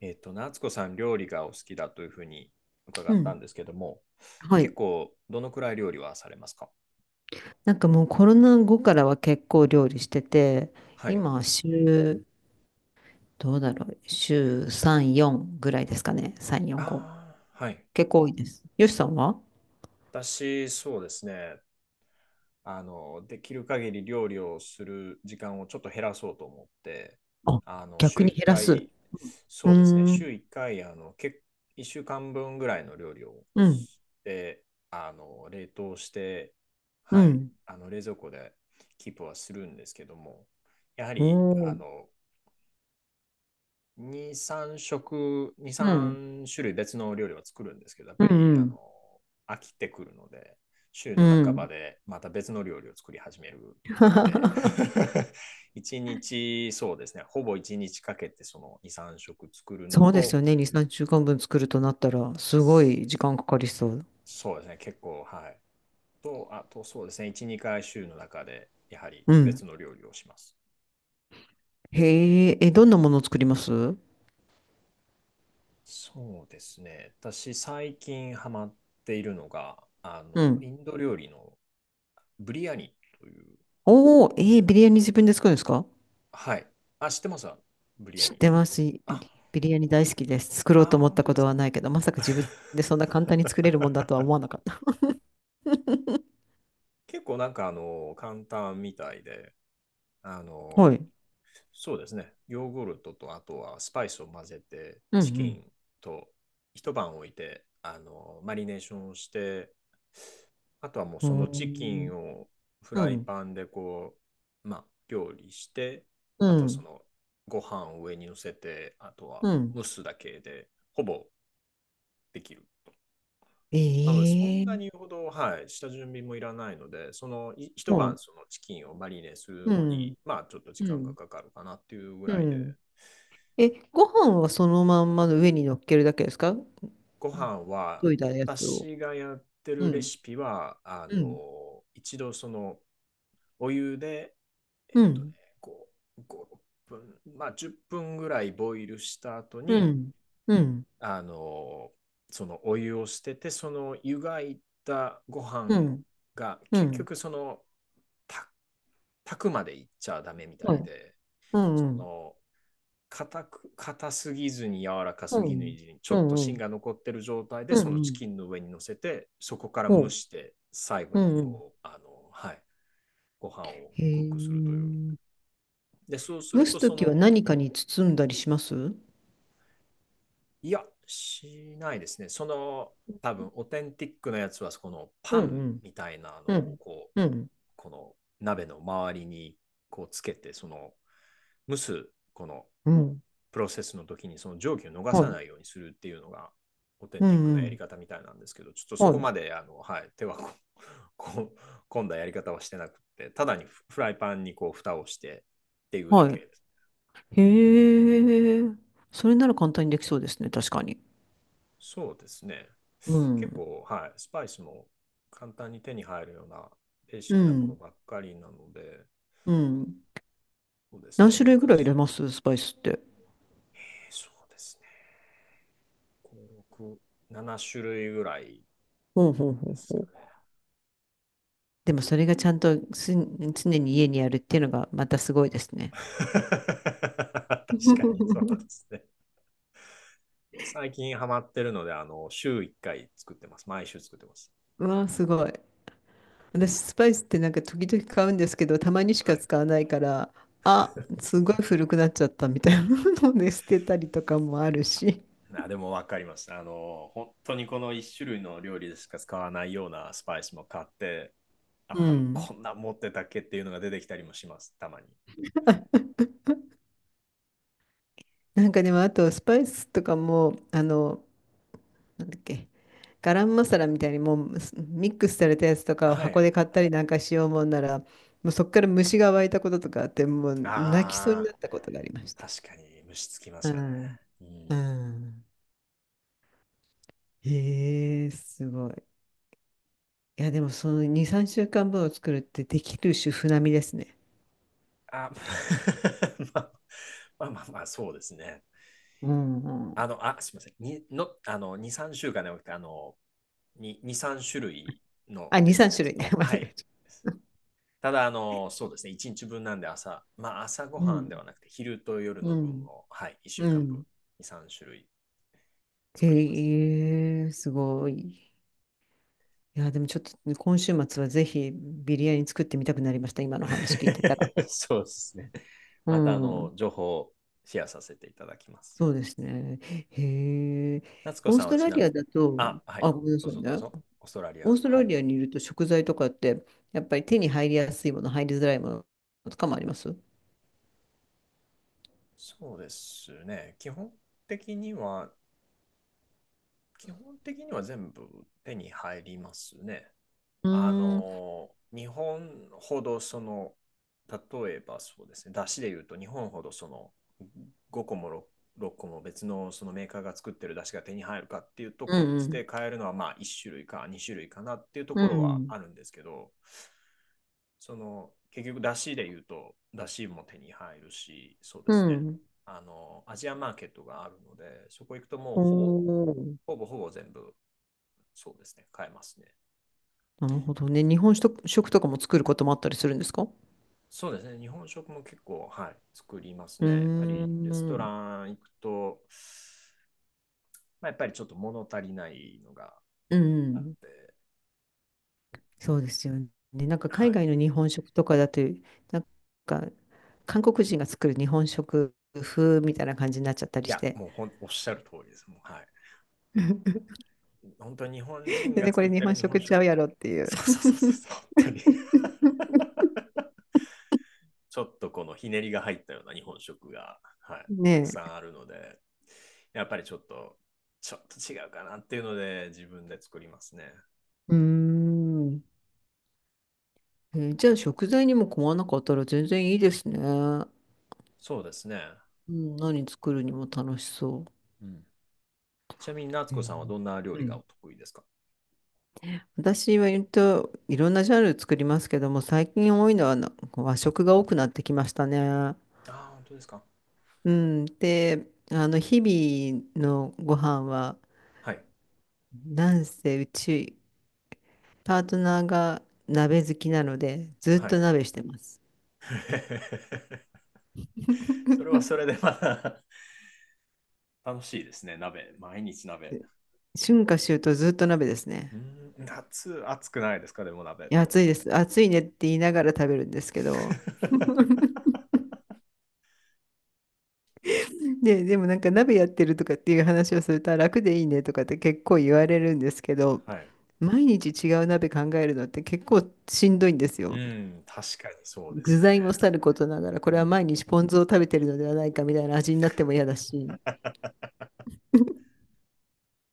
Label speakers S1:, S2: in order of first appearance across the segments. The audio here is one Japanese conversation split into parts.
S1: 夏子さん、料理がお好きだというふうに伺
S2: う
S1: った
S2: ん。
S1: んですけども、
S2: は
S1: 結
S2: い。
S1: 構、どのくらい料理はされますか？
S2: なんかもうコロナ後からは結構料理してて、
S1: はい。
S2: 今は週、どうだろう、週3、4ぐらいですかね。3、4、5。
S1: ああ、はい。
S2: 結構多いです。よしさんは？
S1: 私、そうですね。できる限り料理をする時間をちょっと減らそうと思って、
S2: あ、逆
S1: 週
S2: に
S1: 1
S2: 減らす。う
S1: 回、そうですね、
S2: ーん、
S1: 週1回、1週間分ぐらいの料理を
S2: うん、
S1: して、冷凍して、
S2: う
S1: はい、
S2: ん。
S1: 冷蔵庫でキープはするんですけども、やは
S2: お
S1: り、
S2: ー、
S1: 2、3食、2、
S2: うん、
S1: 3種類別の料理は作るんですけど、やっ
S2: う
S1: ぱ
S2: ん、
S1: り
S2: うん。
S1: 飽きてくるので、週
S2: う
S1: の半ば
S2: ん。
S1: でまた別の料理を作り始めるので 1日、そうですね、ほぼ1日かけてその2、3食作るの
S2: そうで
S1: と、
S2: すよね。2、3週間分作るとなったら、すごい時間かかりそう。
S1: そうですね、結構、はい。と、あとそうですね、1、2回週の中でやはり
S2: うん。
S1: 別の料理をします。
S2: へえ、え、どんなものを作ります？う
S1: そうですね、私最近ハマっているのが、イ
S2: ん。
S1: ンド料理のブリアニという。
S2: おー、えー、ビリヤニ自分で作るんですか？
S1: はい。あ、知ってますわブリア
S2: 知っ
S1: ニ。
S2: てます。
S1: あ、
S2: ビリヤニ
S1: 本
S2: 大好きです。作ろ
S1: 当、あ
S2: うと
S1: ー、
S2: 思っ
S1: 本
S2: た
S1: 当
S2: こ
S1: で
S2: と
S1: すか？
S2: はないけど、まさか自分でそんな簡単に作れるもんだとは思 わなかった。
S1: 結構なんか簡単みたいで、あ
S2: う
S1: の、
S2: ん。
S1: そうですね。ヨーグルトとあとはスパイスを混ぜて、
S2: う
S1: チキ
S2: ん。
S1: ンと一晩置いて、マリネーションをして、あとはもう
S2: う
S1: そのチキ
S2: ん。
S1: ンをフライパンで料理して、
S2: う
S1: あとはそ
S2: ん。
S1: のご飯を上に乗せて、あとは
S2: うん。
S1: 蒸すだけで、ほぼできる。
S2: えええ
S1: なので、そ
S2: えええ
S1: んなに
S2: ええ。
S1: ほど、はい、下準備もいらないので、その一
S2: う
S1: 晩
S2: ん。
S1: そのチキンをマリネするのに、まあ、ちょっと時
S2: う
S1: 間が
S2: ん。
S1: かかるかなっていうぐ
S2: う
S1: らいで、
S2: ん。え、ご飯はそのまま上に乗っけるだけですか？
S1: ご飯は、
S2: といたやつを。
S1: 私がやって
S2: う
S1: るレ
S2: ん。
S1: シピは、
S2: うん。
S1: 一度その、お湯で、えっ
S2: う
S1: とね、
S2: ん。
S1: こ5、6分、まあ10分ぐらいボイルした後
S2: う
S1: に、
S2: ん。うん。
S1: あの、そのお湯を捨てて、その湯がいたご
S2: う
S1: 飯
S2: ん。
S1: が
S2: う
S1: 結
S2: ん。うん。
S1: 局その、た炊くまでいっちゃダメみた
S2: ほい。
S1: いで、
S2: うん。う
S1: そ
S2: ん。
S1: の硬すぎずに柔らか
S2: う
S1: すぎない
S2: ん。
S1: ずに、ちょ
S2: う
S1: っと芯
S2: ん。
S1: が残ってる状態で、
S2: うん。
S1: そ
S2: う
S1: の
S2: ん。う
S1: チ
S2: ん。
S1: キンの上に乗せて、そこから
S2: う
S1: 蒸
S2: ん。
S1: して、最後
S2: う
S1: に
S2: ん。うん。うん。
S1: はい、ご飯を
S2: へ
S1: クックするとい
S2: え。
S1: う。で、そうす
S2: 蒸
S1: る
S2: す
S1: と、
S2: と
S1: そ
S2: きは
S1: の、
S2: 何かに包んだりします？うん。
S1: いや、しないですね。その、多分、オーテンティックなやつは、このパ
S2: うん。
S1: ンみたいなの
S2: う
S1: を、
S2: ん。うん。
S1: この鍋の周りに、つけて、その、蒸す、この
S2: うん。
S1: プロセスの時にその蒸気を逃
S2: は
S1: さな
S2: い。
S1: いようにするっていうのがオーテン
S2: う
S1: ティックなやり
S2: ん。
S1: 方みたいなんですけど、ちょっとそ
S2: は
S1: こ
S2: い。
S1: まではい、手はこ込んだやり方はしてなくて、ただにフライパンに蓋をしてっていうだ
S2: は
S1: け
S2: い。
S1: です。
S2: へえ。それなら簡単にできそうですね。確かに。
S1: そうですね。
S2: う
S1: 結
S2: ん。
S1: 構、はい、スパイスも簡単に手に入るようなベーシ
S2: う
S1: ックなもの
S2: ん。
S1: ばっかりなので、
S2: うん。
S1: そうです
S2: 何
S1: ね、
S2: 種
S1: 難し
S2: 類ぐらい入れ
S1: い。
S2: ます？スパイスって。
S1: そうですね。5、6、7種類ぐらい
S2: ほうほうほ
S1: で
S2: う
S1: す
S2: ほ
S1: かね。
S2: う。でもそれがちゃんと常に家にあるっていうのがまたすごいです ね。
S1: 確かにそう ですね。最近ハマってるので、週1回作ってます。毎週作ってます。
S2: うわあ、すごい。私、スパイスってなんか時々買うんですけど、たまにし
S1: は
S2: か
S1: い。
S2: 使わないから、あ、すごい古くなっちゃったみたいなので捨てたりとかもあるし。
S1: あ、でもわかります。本当にこの1種類の料理でしか使わないようなスパイスも買って、
S2: うん。
S1: こんな持ってたっけっていうのが出てきたりもします。たまに。
S2: なんかでも、あと、スパイスとかも、なんだっけ、ガラムマサラみたいにもうミックスされたやつとかを
S1: は
S2: 箱
S1: い。
S2: で買ったりなんかしようもんなら、もうそこから虫が湧いたこととかあって、もう泣きそうに
S1: あ
S2: な
S1: あ、
S2: ったことがありました。
S1: 確かに虫つきま
S2: う
S1: すよね。
S2: ん。
S1: う
S2: う
S1: ん。
S2: ん。へえ、すごい。いや、でもその2、3週間分を作るってできる主婦並みですね。
S1: あ、まあまあまあまあ、そうですね。
S2: うんうん。
S1: あ、すみません。にの、あの、2、3週間ではなくて、2、3種類の
S2: あ、2、
S1: 別
S2: 3
S1: 々
S2: 種類ね。
S1: の。
S2: 間違
S1: はい。
S2: えち
S1: ただ、そうですね、1日分なんで朝、まあ朝ご
S2: う
S1: はんで
S2: ん。
S1: はなくて、昼と夜の
S2: う
S1: 分
S2: ん。
S1: を、はい、1週
S2: う
S1: 間分、
S2: ん。
S1: 2、3種類作ります。
S2: へえ、すごい。いや、でもちょっとね今週末はぜひビリヤニ作ってみたくなりました。今の話聞いてたら。
S1: そうですね。
S2: う
S1: また、
S2: ん、
S1: 情報をシェアさせていただきます。
S2: そうですね。へえ。
S1: 夏子
S2: オー
S1: さ
S2: ス
S1: んは
S2: ト
S1: ち
S2: ラ
S1: な
S2: リ
S1: みに、
S2: アだと、
S1: あ、はい、
S2: あ、ごめんな
S1: どう
S2: さい
S1: ぞど
S2: ね。
S1: うぞ。オーストラリ
S2: オ
S1: ア、
S2: ースト
S1: は
S2: ラ
S1: い。
S2: リアにいると食材とかって、やっぱり手に入りやすいもの、入りづらいものとかもあります？う
S1: そうですね、的には、基本的には全部手に入りますね。
S2: ーん、うん、
S1: 日本ほどその、例えばそうですね、出汁で言うと日本ほどその5個も 6個も別のそのメーカーが作ってる出汁が手に入るかっていうと、
S2: う
S1: こっち
S2: ん、
S1: で買えるのはまあ1種類か2種類かなっていうと
S2: う
S1: ころは
S2: ん。
S1: あるんですけど、その結局出汁で言うと出汁も手に入るし、そうで
S2: う
S1: すね、
S2: ん。
S1: あのアジアマーケットがあるので、そこ行くとも
S2: お
S1: うほぼ、
S2: ー。
S1: ほぼほぼ全部そうですね、買えますね。
S2: なるほどね。日本食、食とかも作ることもあったりするんですか？う
S1: そうですね。日本食も結構、はい、作ります
S2: ー
S1: ね。やっぱりレスト
S2: ん。
S1: ラン行くと、まあ、やっぱりちょっと物足りないのが
S2: う
S1: あっ
S2: ん。
S1: て、
S2: そうですよね。なんか
S1: は
S2: 海
S1: い。
S2: 外の日本食とかだと、なんか韓国人が作る日本食風みたいな感じになっちゃった
S1: い
S2: りし
S1: や、
S2: て。
S1: もうおっしゃる通りです。もう、は
S2: で、
S1: い。本当に日本人が
S2: ねこ
S1: 作っ
S2: れ日
S1: て
S2: 本
S1: る日本
S2: 食ちゃう
S1: 食、
S2: やろっていう。
S1: そうそうそうそうそう、本当に ちょっとこのひねりが入ったような日本食が、はい、たく
S2: ね
S1: さん
S2: え。
S1: あるので、やっぱりちょっと違うかなっていうので、自分で作りますね。
S2: うーん。じゃあ食材にも困らなかったら全然いいですね。う
S1: そうですね。
S2: ん、何作るにも楽しそ
S1: うん、ちなみに夏
S2: う。
S1: 子さんはどんな料
S2: う
S1: 理が
S2: ん、
S1: お得意ですか？
S2: 私は言うといろんなジャンル作りますけども、最近多いのは和食が多くなってきましたね。
S1: ああ、本当ですか。
S2: うん。で、日々のご飯は、
S1: はい。
S2: なんせうち、パートナーが鍋好きなので、ずっ
S1: は
S2: と
S1: い。
S2: 鍋してます。
S1: それはそれで また 楽しいですね。鍋。毎日鍋。
S2: 春夏秋冬ずっと鍋ですね。
S1: うーん、夏暑くないですか？でも鍋っ
S2: いや、暑
S1: て。
S2: いです。暑いねって言いながら食べるんですけど。でもなんか鍋やってるとかっていう話をすると、あ、楽でいいねとかって結構言われるんですけど、
S1: はい。
S2: 毎日違う鍋考えるのって結構しんどいんです
S1: う
S2: よ。
S1: ん、確かにそうです
S2: 具
S1: よね。
S2: 材もさることながら、こ
S1: う
S2: れは
S1: ん。
S2: 毎日ポン酢を食べてるのではないかみたいな味になっても嫌だし。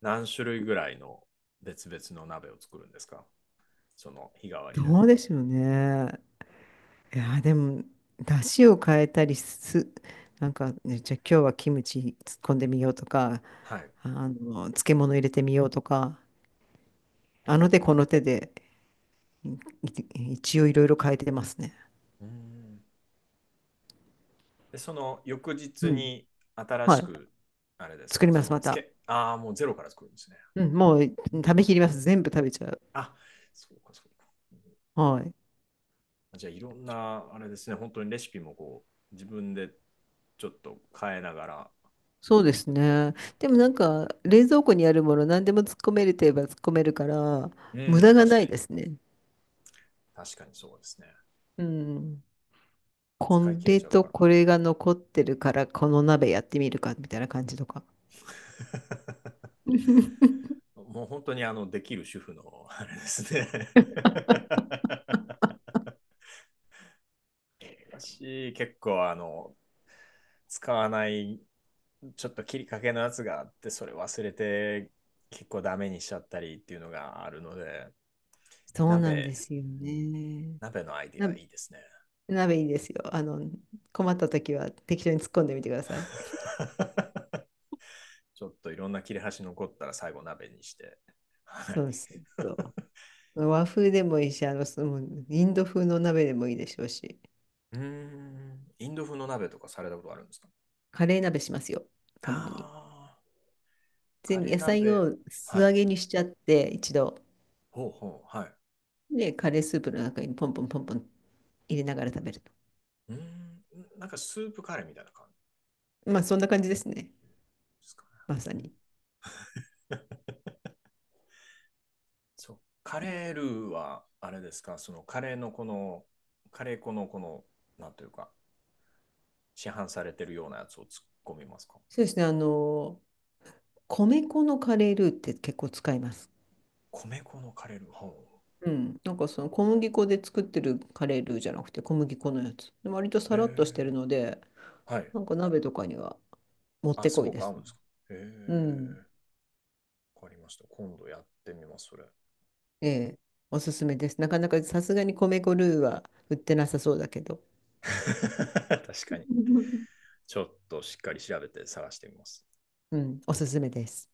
S1: 何種類ぐらいの別々の鍋を作るんですか？その日替わりで。
S2: どうでしょうね。いやー、でも、出汁を変えたりす、なんか、ね、じゃあ今日はキムチ突っ込んでみようとか、
S1: はい。
S2: 漬物入れてみようとか、あ
S1: ほ
S2: の
S1: う
S2: 手
S1: ほ
S2: この手で、一応いろいろ変えてますね。
S1: う。うーん。で、その翌日
S2: うん。
S1: に新
S2: は
S1: し
S2: い。
S1: く、あれです
S2: 作
S1: か、
S2: りま
S1: そ
S2: す、
S1: の
S2: ま
S1: つ
S2: た。
S1: け、ああ、もうゼロから作るんですね。
S2: うん、もう
S1: うん、
S2: 食べきります。全部食べちゃう。
S1: あ、そうか、そうか。うん、
S2: はい。
S1: じゃあ、いろんな、あれですね、本当にレシピも自分でちょっと変えながら
S2: そうです
S1: 作って。
S2: ね。でもなんか、冷蔵庫にあるもの何でも突っ込めるといえば突っ込めるから、
S1: う
S2: 無駄
S1: ん、
S2: がないですね。
S1: 確かにそうですね。
S2: うん。こ
S1: 使い切れ
S2: れ
S1: ちゃう
S2: と
S1: から。
S2: これが残ってるから、この鍋やってみるか、みたいな感じとか。
S1: もう本当にできる主婦の、あれですね。私、結構使わないちょっと切りかけのやつがあって、それ忘れて結構ダメにしちゃったりっていうのがあるので、
S2: そうなんで
S1: 鍋、
S2: すよ
S1: うん、
S2: ね。
S1: 鍋のアイディ
S2: な、
S1: アいいですね。
S2: 鍋いいですよ。困った時は適当に突っ込んでみてください。
S1: ちょっといろんな切れ端残ったら最後鍋にして。はい。
S2: そうそうそう。和風でもいいし、そのインド風の鍋でもいいでしょうし、
S1: うーん、インド風の鍋とかされたことあるんですか？
S2: カレー鍋しますよ、
S1: あ
S2: たまに。
S1: あ、カ
S2: 全部
S1: レー
S2: 野菜
S1: 鍋。
S2: を素
S1: はい。
S2: 揚げにしちゃって一度
S1: ほうほう、はい。
S2: でカレースープの中にポンポンポンポン入れながら食べると、
S1: うーん、なんかスープカレーみたいな感
S2: まあそんな感じですね。
S1: じですかね。
S2: まさ
S1: うん、
S2: に、
S1: そう、カレールーは、あれですか、そのカレーのこの、カレー粉のこの、なんというか、市販されてるようなやつを突っ込みますか？
S2: そうですね。米粉のカレールーって結構使います。
S1: 米粉のカレールー。ほ
S2: うん。なんかその小麦粉で作ってるカレールーじゃなくて小麦粉のやつで割と
S1: うへ
S2: さらっとしてるの
S1: ー、
S2: で、
S1: はい。
S2: なんか鍋とかにはもっ
S1: あ、
S2: て
S1: す
S2: こい
S1: ご
S2: で
S1: く合
S2: す。
S1: うんですか？へ
S2: うん。
S1: ー、わかりました。今度やってみます、それ。
S2: ええ、おすすめです。なかなかさすがに米粉ルーは売ってなさそうだけど。
S1: 確かに。ちょっとしっかり調べて探してみます。
S2: うん、おすすめです。